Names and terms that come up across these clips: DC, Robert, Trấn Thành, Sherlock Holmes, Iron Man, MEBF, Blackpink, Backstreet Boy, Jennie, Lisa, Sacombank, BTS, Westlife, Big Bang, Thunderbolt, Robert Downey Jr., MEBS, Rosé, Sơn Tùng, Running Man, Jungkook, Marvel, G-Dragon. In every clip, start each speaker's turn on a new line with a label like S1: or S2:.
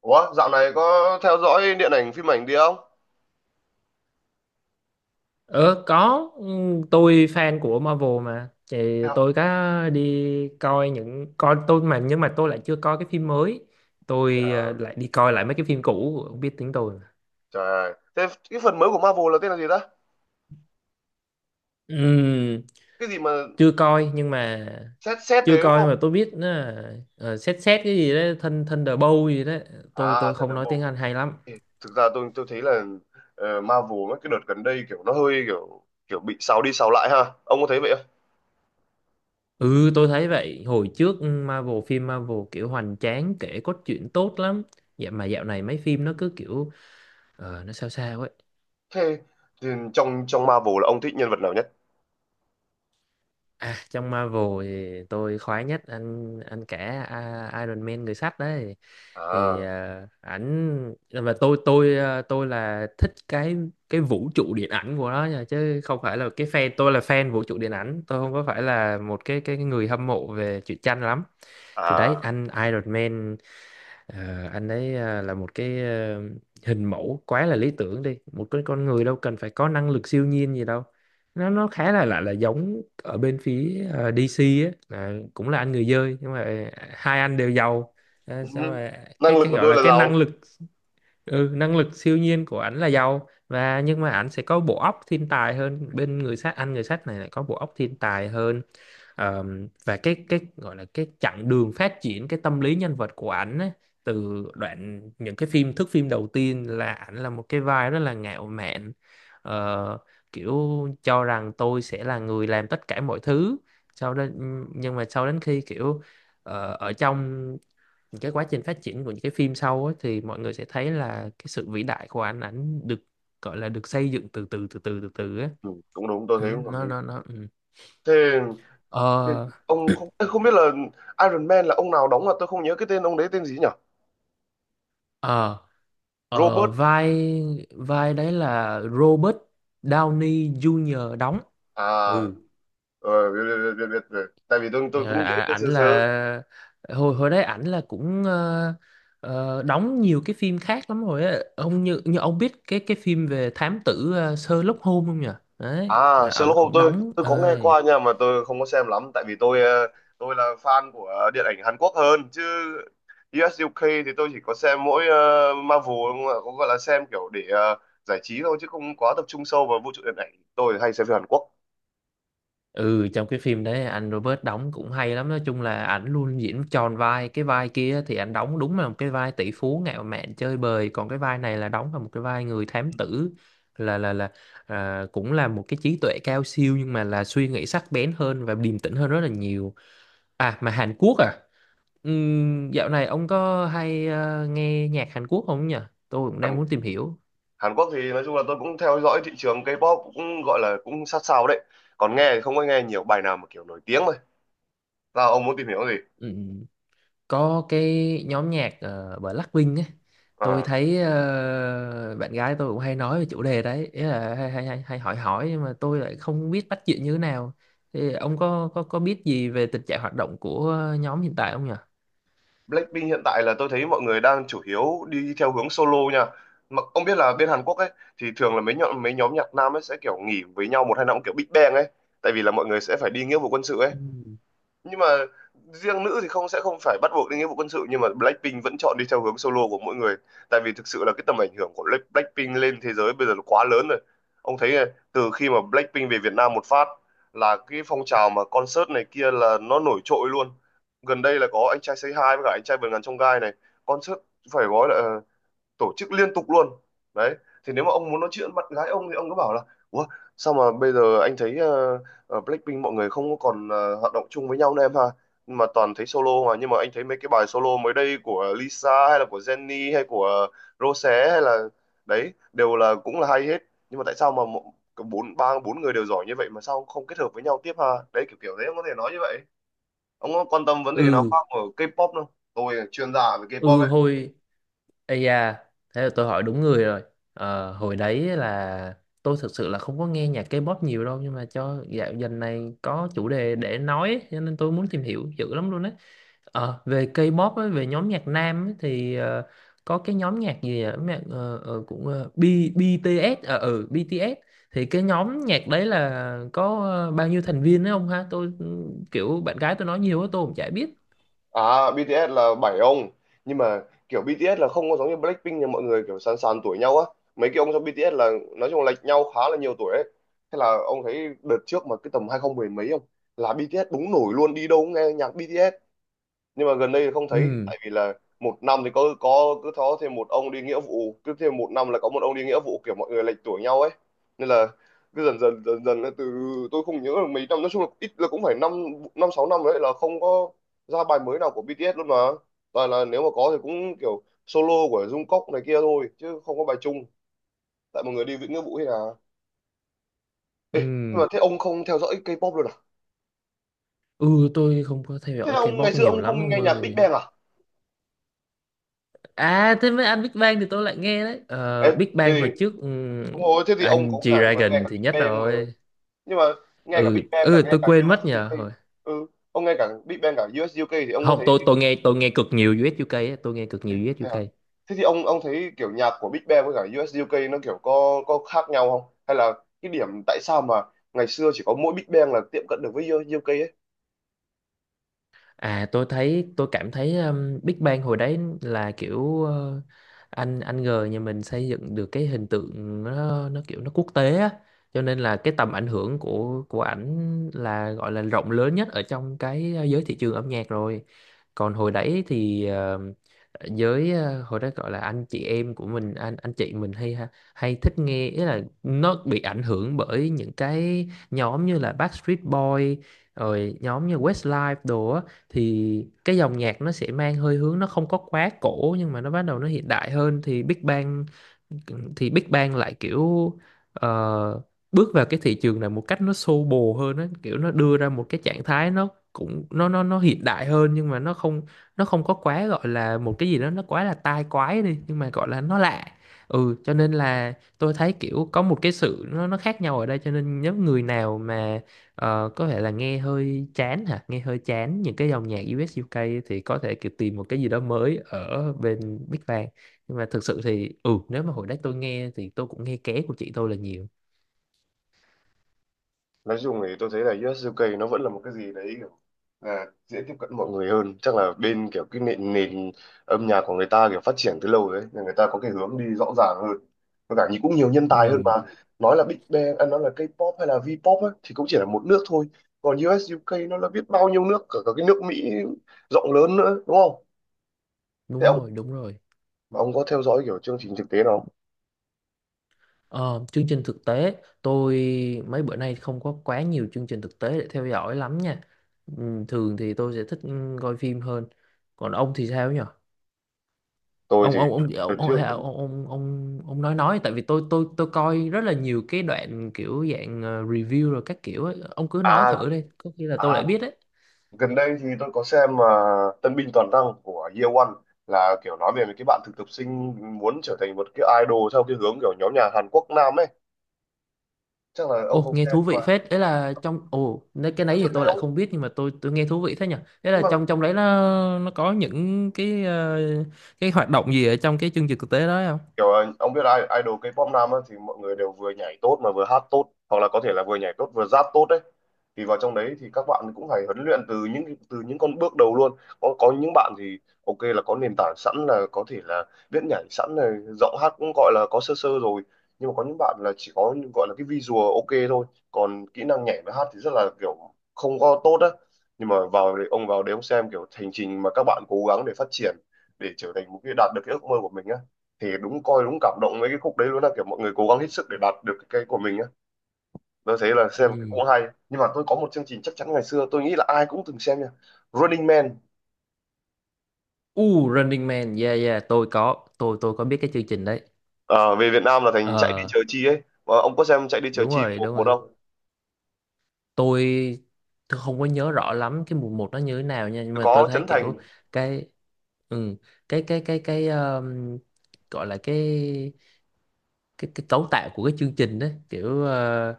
S1: Ủa, dạo này có theo dõi điện ảnh phim ảnh gì không?
S2: Ờ, có. Ừ, tôi fan của Marvel mà, thì
S1: Hay học-
S2: tôi có đi coi những coi tôi mà, nhưng mà tôi lại chưa coi cái phim mới. Tôi
S1: À,
S2: lại đi coi lại mấy cái phim cũ, không biết tiếng tôi.
S1: trời ơi. Thế cái phần mới của Marvel là tên là gì ta?
S2: Ừm,
S1: Cái gì mà
S2: chưa coi nhưng mà
S1: xét xét
S2: Chưa
S1: đấy đúng
S2: coi
S1: không?
S2: nhưng mà tôi biết nó là, xét xét cái gì đó thân thân Thunderbolt gì đó. tôi
S1: À,
S2: tôi không nói
S1: Thunderbolt.
S2: tiếng Anh hay lắm.
S1: Ê, thực ra tôi thấy là Marvel mấy cái đợt gần đây kiểu nó hơi kiểu kiểu bị sao đi sao lại ha. Ông có thấy vậy không?
S2: Ừ, tôi thấy vậy. Hồi trước Marvel, phim Marvel kiểu hoành tráng, kể cốt truyện tốt lắm. Vậy mà dạo này mấy phim nó cứ kiểu nó sao sao ấy.
S1: Thế thì trong trong Marvel là ông thích nhân vật nào nhất?
S2: À, trong Marvel thì tôi khoái nhất anh Iron Man, người sắt đấy. Thì
S1: À,
S2: ảnh và tôi thích cái vũ trụ điện ảnh của nó nha, chứ không phải là cái fan. Tôi là fan vũ trụ điện ảnh, tôi không có phải là một cái người hâm mộ về truyện tranh lắm. Thì đấy,
S1: à.
S2: anh Iron Man. Anh ấy là một cái hình mẫu quá là lý tưởng đi, một cái con người đâu cần phải có năng lực siêu nhiên gì đâu. Nó khá là lại là giống ở bên phía DC á, là cũng là anh người dơi, nhưng mà hai anh đều giàu.
S1: Ừ.
S2: Xong rồi,
S1: Năng
S2: cái
S1: lực
S2: cái
S1: của
S2: gọi
S1: tôi
S2: là
S1: là
S2: cái
S1: giàu.
S2: năng lực ừ, năng lực siêu nhiên của ảnh là giàu, và nhưng mà ảnh sẽ có bộ óc thiên tài hơn bên người sát, anh người sắt này lại có bộ óc thiên tài hơn. Ờ, và cái gọi là cái chặng đường phát triển cái tâm lý nhân vật của ảnh á, từ đoạn những cái phim thước phim đầu tiên là ảnh là một cái vai rất là ngạo mạn. Ờ, Kiểu cho rằng tôi sẽ là người làm tất cả mọi thứ sau đó. Nhưng mà sau đến khi kiểu ở trong những cái quá trình phát triển của những cái phim sau á, thì mọi người sẽ thấy là cái sự vĩ đại của ảnh, được gọi là được xây dựng từ từ từ từ từ từ á.
S1: Ừ, cũng đúng, tôi
S2: Ừ,
S1: thấy cũng hợp
S2: nó
S1: lý.
S2: nó nó ừ.
S1: Thế, thế
S2: Ờ,
S1: ông không không biết là Iron Man là ông nào đóng mà tôi không nhớ cái tên ông đấy tên gì nhỉ?
S2: Ờ, ờ,
S1: Robert.
S2: vai vai đấy là Robert Downey Jr. đóng.
S1: À,
S2: Ừ.
S1: ờ, biết, biết, biết, biết, biết. Tại vì tôi
S2: Ờ,
S1: tôi cũng nhớ
S2: À,
S1: tên
S2: ảnh
S1: sơ sơ.
S2: là hồi hồi đấy ảnh là cũng đóng nhiều cái phim khác lắm rồi á. Ông như như ông biết cái phim về thám tử Sherlock Holmes không nhỉ? Đấy,
S1: À,
S2: là
S1: Sherlock
S2: ông
S1: Holmes
S2: cũng
S1: tôi
S2: đóng.
S1: tôi có nghe
S2: Ờ,
S1: qua, nhưng mà tôi không có xem lắm. Tại vì tôi là fan của điện ảnh Hàn Quốc hơn chứ. US UK thì tôi chỉ có xem mỗi Marvel, không ạ? Cũng gọi là xem kiểu để giải trí thôi chứ không quá tập trung sâu vào vũ trụ điện ảnh. Tôi hay xem phim Hàn Quốc.
S2: Ừ, trong cái phim đấy anh Robert đóng cũng hay lắm, nói chung là ảnh luôn diễn tròn vai, cái vai kia thì ảnh đóng đúng là một cái vai tỷ phú ngạo mạn chơi bời, còn cái vai này là đóng là một cái vai người thám tử, là là là cũng là một cái trí tuệ cao siêu, nhưng mà là suy nghĩ sắc bén hơn và điềm tĩnh hơn rất là nhiều. À, mà Hàn Quốc à? Dạo này ông có hay nghe nhạc Hàn Quốc không nhỉ? Tôi cũng đang
S1: Hàn,
S2: muốn tìm hiểu.
S1: Hàn Quốc thì nói chung là tôi cũng theo dõi thị trường K-pop, cũng gọi là cũng sát sao đấy. Còn nghe thì không có nghe nhiều, bài nào mà kiểu nổi tiếng thôi. Sao, ông muốn tìm hiểu gì?
S2: Ừ. Có cái nhóm nhạc Blackpink ấy. Tôi
S1: À.
S2: thấy bạn gái tôi cũng hay nói về chủ đề đấy, ý là hay hỏi hỏi, nhưng mà tôi lại không biết bắt chuyện như thế nào. Thì ông có biết gì về tình trạng hoạt động của nhóm hiện tại không nhỉ?
S1: Blackpink hiện tại là tôi thấy mọi người đang chủ yếu đi theo hướng solo nha. Mà ông biết là bên Hàn Quốc ấy, thì thường là mấy nhóm nhạc nam ấy sẽ kiểu nghỉ với nhau một hai năm, kiểu Big Bang ấy, tại vì là mọi người sẽ phải đi nghĩa vụ quân sự ấy.
S2: Ừ.
S1: Nhưng mà riêng nữ thì không, sẽ không phải bắt buộc đến nghĩa vụ quân sự, nhưng mà Blackpink vẫn chọn đi theo hướng solo của mỗi người. Tại vì thực sự là cái tầm ảnh hưởng của Blackpink lên thế giới bây giờ nó quá lớn rồi. Ông thấy này, từ khi mà Blackpink về Việt Nam một phát là cái phong trào mà concert này kia là nó nổi trội luôn. Gần đây là có anh trai Say Hi với cả anh trai vượt ngàn chông gai này, concert phải gọi là tổ chức liên tục luôn đấy. Thì nếu mà ông muốn nói chuyện bạn gái ông thì ông cứ bảo là: Ủa, sao mà bây giờ anh thấy Blackpink mọi người không có còn hoạt động chung với nhau nữa em ha? Mà toàn thấy solo. Mà nhưng mà anh thấy mấy cái bài solo mới đây của Lisa hay là của Jennie hay của Rosé hay là đấy đều là cũng là hay hết. Nhưng mà tại sao mà mộ- cả bốn ba bốn người đều giỏi như vậy mà sao không kết hợp với nhau tiếp ha? Đấy, kiểu kiểu đấy ông có thể nói như vậy. Ông có quan tâm vấn đề nào
S2: Ừ,
S1: khác ở K-pop không? Tôi là chuyên gia về K-pop.
S2: ừ. Ây da, thế là tôi hỏi đúng người rồi. Hồi đấy là tôi thực sự là không có nghe nhạc K-pop nhiều đâu, nhưng mà cho dần này có chủ đề để nói ấy, cho nên tôi muốn tìm hiểu dữ lắm luôn đấy. Về K-pop ấy, về nhóm nhạc nam ấy, thì có cái nhóm nhạc gì ở nhạc cũng BTS BTS, thì cái nhóm nhạc đấy là có bao nhiêu thành viên đấy không ha? Tôi kiểu bạn gái tôi nói nhiều quá tôi cũng chả biết.
S1: À, BTS là bảy ông. Nhưng mà kiểu BTS là không có giống như Blackpink là mọi người kiểu sàn sàn tuổi nhau á. Mấy cái ông trong BTS là nói chung là lệch nhau khá là nhiều tuổi ấy. Thế là ông thấy đợt trước mà cái tầm 2010 mấy không, là BTS đúng nổi luôn, đi đâu cũng nghe nhạc BTS. Nhưng mà gần đây thì không thấy,
S2: Ừ,
S1: tại vì là một năm thì có cứ có thêm một ông đi nghĩa vụ, cứ thêm một năm là có một ông đi nghĩa vụ, kiểu mọi người lệch tuổi nhau ấy. Nên là cứ dần dần dần dần là từ, tôi không nhớ là mấy năm, nói chung là ít là cũng phải năm, năm sáu năm đấy là không có ra bài mới nào của BTS luôn. Mà toàn là nếu mà có thì cũng kiểu solo của Jungkook này kia thôi chứ không có bài chung. Tại mọi người đi với nghĩa vụ hay là. Nhưng
S2: ừ,
S1: mà thế ông không theo dõi K-pop luôn à?
S2: ừ, tôi không có theo
S1: Thế
S2: dõi
S1: là ông ngày
S2: K-pop
S1: xưa
S2: nhiều
S1: ông
S2: lắm
S1: không
S2: ông
S1: nghe nhạc Big
S2: ơi.
S1: Bang à?
S2: À thế mấy anh Big Bang thì tôi lại nghe đấy.
S1: Ê,
S2: Ờ, Big Bang
S1: thế
S2: hồi
S1: thì
S2: trước,
S1: đúng rồi, thế thì ông
S2: anh
S1: có cả nghe
S2: G-Dragon
S1: cả
S2: thì
S1: Big
S2: nhất
S1: Bang mà.
S2: rồi.
S1: Nhưng mà nghe cả
S2: Ừ,
S1: Big Bang cả
S2: ừ,
S1: nghe
S2: tôi
S1: cả u
S2: quên
S1: US
S2: mất
S1: UK.
S2: nhờ.
S1: Ừ, ông nghe cả Big Bang cả u ét u UK thì ông có
S2: Không,
S1: thấy,
S2: tôi nghe cực nhiều US UK á, tôi nghe cực
S1: thế,
S2: nhiều US
S1: thế hả?
S2: UK.
S1: Thế thì ông thấy kiểu nhạc của Big Bang với cả u ét u UK nó kiểu có khác nhau không, hay là cái điểm tại sao mà ngày xưa chỉ có mỗi Big Bang là tiệm cận được với u ét u UK ấy?
S2: À, tôi thấy tôi cảm thấy Big Bang hồi đấy là kiểu anh G nhà mình xây dựng được cái hình tượng, nó kiểu nó quốc tế á, cho nên là cái tầm ảnh hưởng của ảnh là gọi là rộng lớn nhất ở trong cái giới thị trường âm nhạc rồi. Còn hồi đấy thì hồi đó gọi là anh chị em của mình, anh chị mình hay hay thích nghe, ý là nó bị ảnh hưởng bởi những cái nhóm như là Backstreet Boy, rồi nhóm như Westlife đồ á. Thì cái dòng nhạc nó sẽ mang hơi hướng, nó không có quá cổ nhưng mà nó bắt đầu nó hiện đại hơn. Thì Big Bang lại kiểu ờ, bước vào cái thị trường này một cách nó xô bồ hơn á, kiểu nó đưa ra một cái trạng thái nó cũng, nó hiện đại hơn, nhưng mà nó không có quá gọi là một cái gì đó nó quá là tai quái đi, nhưng mà gọi là nó lạ. Ừ, cho nên là tôi thấy kiểu có một cái sự, nó khác nhau ở đây, cho nên nếu người nào mà có thể là nghe hơi chán những cái dòng nhạc US UK, thì có thể kiểu tìm một cái gì đó mới ở bên Big Bang. Nhưng mà thực sự thì, ừ, nếu mà hồi đấy tôi nghe thì tôi cũng nghe ké của chị tôi là nhiều.
S1: Nói chung thì tôi thấy là US UK nó vẫn là một cái gì đấy kiểu là dễ tiếp cận mọi người hơn. Chắc là bên kiểu cái nền nền âm nhạc của người ta kiểu phát triển từ lâu đấy, nên người ta có cái hướng đi rõ ràng hơn và cả như cũng nhiều nhân tài hơn mà.
S2: Ừ,
S1: Nói là Big Bang à, nói là K-pop hay là V-pop ấy, thì cũng chỉ là một nước thôi, còn US UK nó là biết bao nhiêu nước, cả, cả cái nước Mỹ rộng lớn nữa đúng không? Thế ông
S2: đúng rồi, đúng rồi.
S1: ông có theo dõi kiểu chương trình thực tế nào không?
S2: Ờ, Chương trình thực tế, tôi mấy bữa nay không có quá nhiều chương trình thực tế để theo dõi lắm nha. Thường thì tôi sẽ thích coi phim hơn. Còn ông thì sao nhỉ?
S1: Tôi thì
S2: Ông ông ông
S1: đợt
S2: ông
S1: trước,
S2: hay ông nói Tại vì tôi coi rất là nhiều cái đoạn kiểu dạng review rồi các kiểu ấy. Ông cứ nói
S1: à
S2: thử đi có khi là
S1: à
S2: tôi lại biết đấy.
S1: gần đây thì tôi có xem mà, Tân binh toàn năng của Year One, là kiểu nói về mấy cái bạn thực tập sinh muốn trở thành một cái idol theo cái hướng kiểu nhóm nhà Hàn Quốc Nam ấy. Chắc là ông
S2: Ồ,
S1: không
S2: nghe
S1: xem.
S2: thú
S1: Nhưng
S2: vị
S1: mà
S2: phết. Đấy là trong ồ, Nếu cái
S1: có
S2: đấy thì
S1: trước đây
S2: tôi lại
S1: ông,
S2: không biết, nhưng mà tôi nghe thú vị thế nhỉ. Đấy
S1: nhưng
S2: là
S1: mà
S2: trong Trong đấy nó có những cái cái hoạt động gì ở trong cái chương trình thực tế đó không?
S1: kiểu ông biết ai idol K-pop nam á, thì mọi người đều vừa nhảy tốt mà vừa hát tốt, hoặc là có thể là vừa nhảy tốt vừa rap tốt đấy. Thì vào trong đấy thì các bạn cũng phải huấn luyện từ những, từ những con bước đầu luôn. Có những bạn thì ok là có nền tảng sẵn, là có thể là biết nhảy sẵn này, giọng hát cũng gọi là có sơ sơ rồi. Nhưng mà có những bạn là chỉ có gọi là cái visual ok thôi, còn kỹ năng nhảy và hát thì rất là kiểu không có tốt á. Nhưng mà vào đấy ông, vào đấy ông xem kiểu hành trình mà các bạn cố gắng để phát triển, để trở thành một cái, đạt được cái ước mơ của mình á, thì đúng coi đúng cảm động với cái khúc đấy luôn, là kiểu mọi người cố gắng hết sức để đạt được cái của mình á. Tôi thấy là xem thì
S2: Ừ.
S1: cũng hay. Nhưng mà tôi có một chương trình chắc chắn ngày xưa tôi nghĩ là ai cũng từng xem nha: Running Man.
S2: Running Man, yeah, yeah, tôi có, tôi có biết cái chương trình đấy.
S1: Ờ, về Việt Nam là thành Chạy Đi
S2: Ờ,
S1: Chờ Chi ấy. Ờ, ông có xem Chạy Đi Chờ
S2: Đúng
S1: Chi
S2: rồi,
S1: một
S2: đúng
S1: một
S2: rồi.
S1: không?
S2: Tôi tôi không có nhớ rõ lắm cái mùa 1 nó như thế nào nha, nhưng mà tôi
S1: Có
S2: thấy
S1: Trấn Thành.
S2: kiểu cái ừ, cái gọi là cái cấu tạo của cái chương trình đấy, kiểu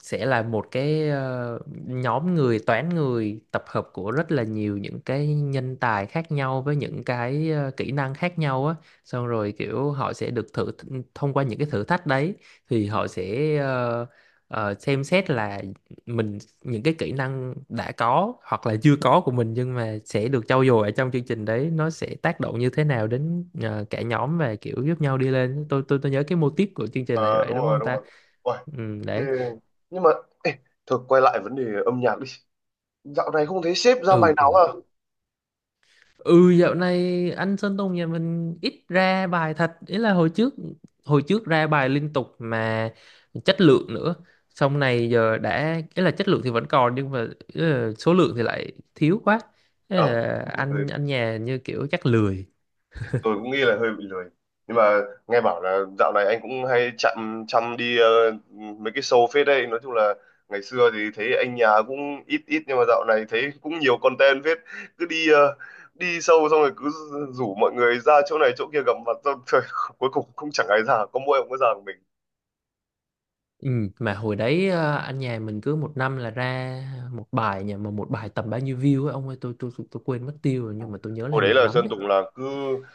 S2: sẽ là một cái nhóm người, toán người tập hợp của rất là nhiều những cái nhân tài khác nhau với những cái kỹ năng khác nhau á, xong rồi kiểu họ sẽ được thông qua những cái thử thách đấy, thì họ sẽ xem xét là mình, những cái kỹ năng đã có hoặc là chưa có của mình nhưng mà sẽ được trau dồi ở trong chương trình đấy, nó sẽ tác động như thế nào đến cả nhóm và kiểu giúp nhau đi lên. Tôi nhớ cái mô típ của chương trình là như
S1: Ờ,
S2: vậy
S1: đúng
S2: đúng
S1: rồi
S2: không
S1: đúng
S2: ta?
S1: rồi. Uầy,
S2: Ừ,
S1: thế-
S2: đấy.
S1: nhưng mà, ê, thôi quay lại vấn đề âm nhạc đi, dạo này không thấy sếp ra bài
S2: Ừ,
S1: nào
S2: ừ.
S1: à?
S2: Ừ, dạo này anh Sơn Tùng nhà mình ít ra bài thật, ý là hồi trước ra bài liên tục mà chất lượng nữa. Xong này giờ đã, ý là chất lượng thì vẫn còn nhưng mà ý là số lượng thì lại thiếu quá. Ý
S1: Ờ,
S2: là
S1: đúng rồi,
S2: anh nhà như kiểu chắc lười.
S1: tôi cũng nghĩ là hơi bị lười. Nhưng mà nghe bảo là dạo này anh cũng hay chăm chăm đi mấy cái show phết đấy. Nói chung là ngày xưa thì thấy anh nhà cũng ít ít, nhưng mà dạo này thấy cũng nhiều content phết. Cứ đi show xong rồi cứ rủ mọi người ra chỗ này chỗ kia gặp mặt, xong rồi cuối cùng cũng chẳng ai ra, có mỗi ông có ra của mình.
S2: ừ, mà hồi đấy anh nhà mình cứ một năm là ra một bài, mà một bài tầm bao nhiêu view ấy ông ơi, tôi quên mất tiêu rồi nhưng mà tôi nhớ là
S1: Hồi đấy
S2: nhiều
S1: là
S2: lắm
S1: Sơn
S2: ấy.
S1: Tùng là cứ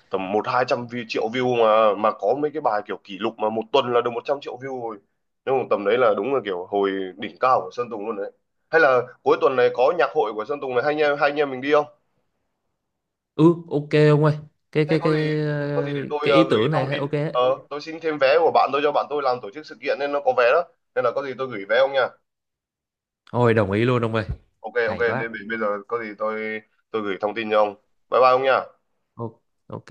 S1: tầm một hai trăm view, triệu view, mà có mấy cái bài kiểu kỷ lục mà một tuần là được 100 triệu view rồi. Nhưng mà tầm đấy là đúng là kiểu hồi đỉnh cao của Sơn Tùng luôn đấy. Hay là cuối tuần này có nhạc hội của Sơn Tùng này, hai anh em mình đi không?
S2: Ừ, ok ông ơi. cái
S1: Thế
S2: cái
S1: có gì,
S2: cái
S1: có gì
S2: ờ,
S1: để tôi
S2: cái ý
S1: gửi
S2: tưởng này
S1: thông
S2: hay.
S1: tin.
S2: Ok.
S1: Ờ, tôi xin thêm vé của bạn tôi, cho bạn tôi làm tổ chức sự kiện nên nó có vé đó, nên là có gì tôi gửi vé ông nha.
S2: Ôi đồng ý luôn ông ơi.
S1: Ok ok,
S2: Hay quá.
S1: để bây bây giờ có gì tôi gửi thông tin cho ông. Bye bye ông nha.
S2: Ô- Ok.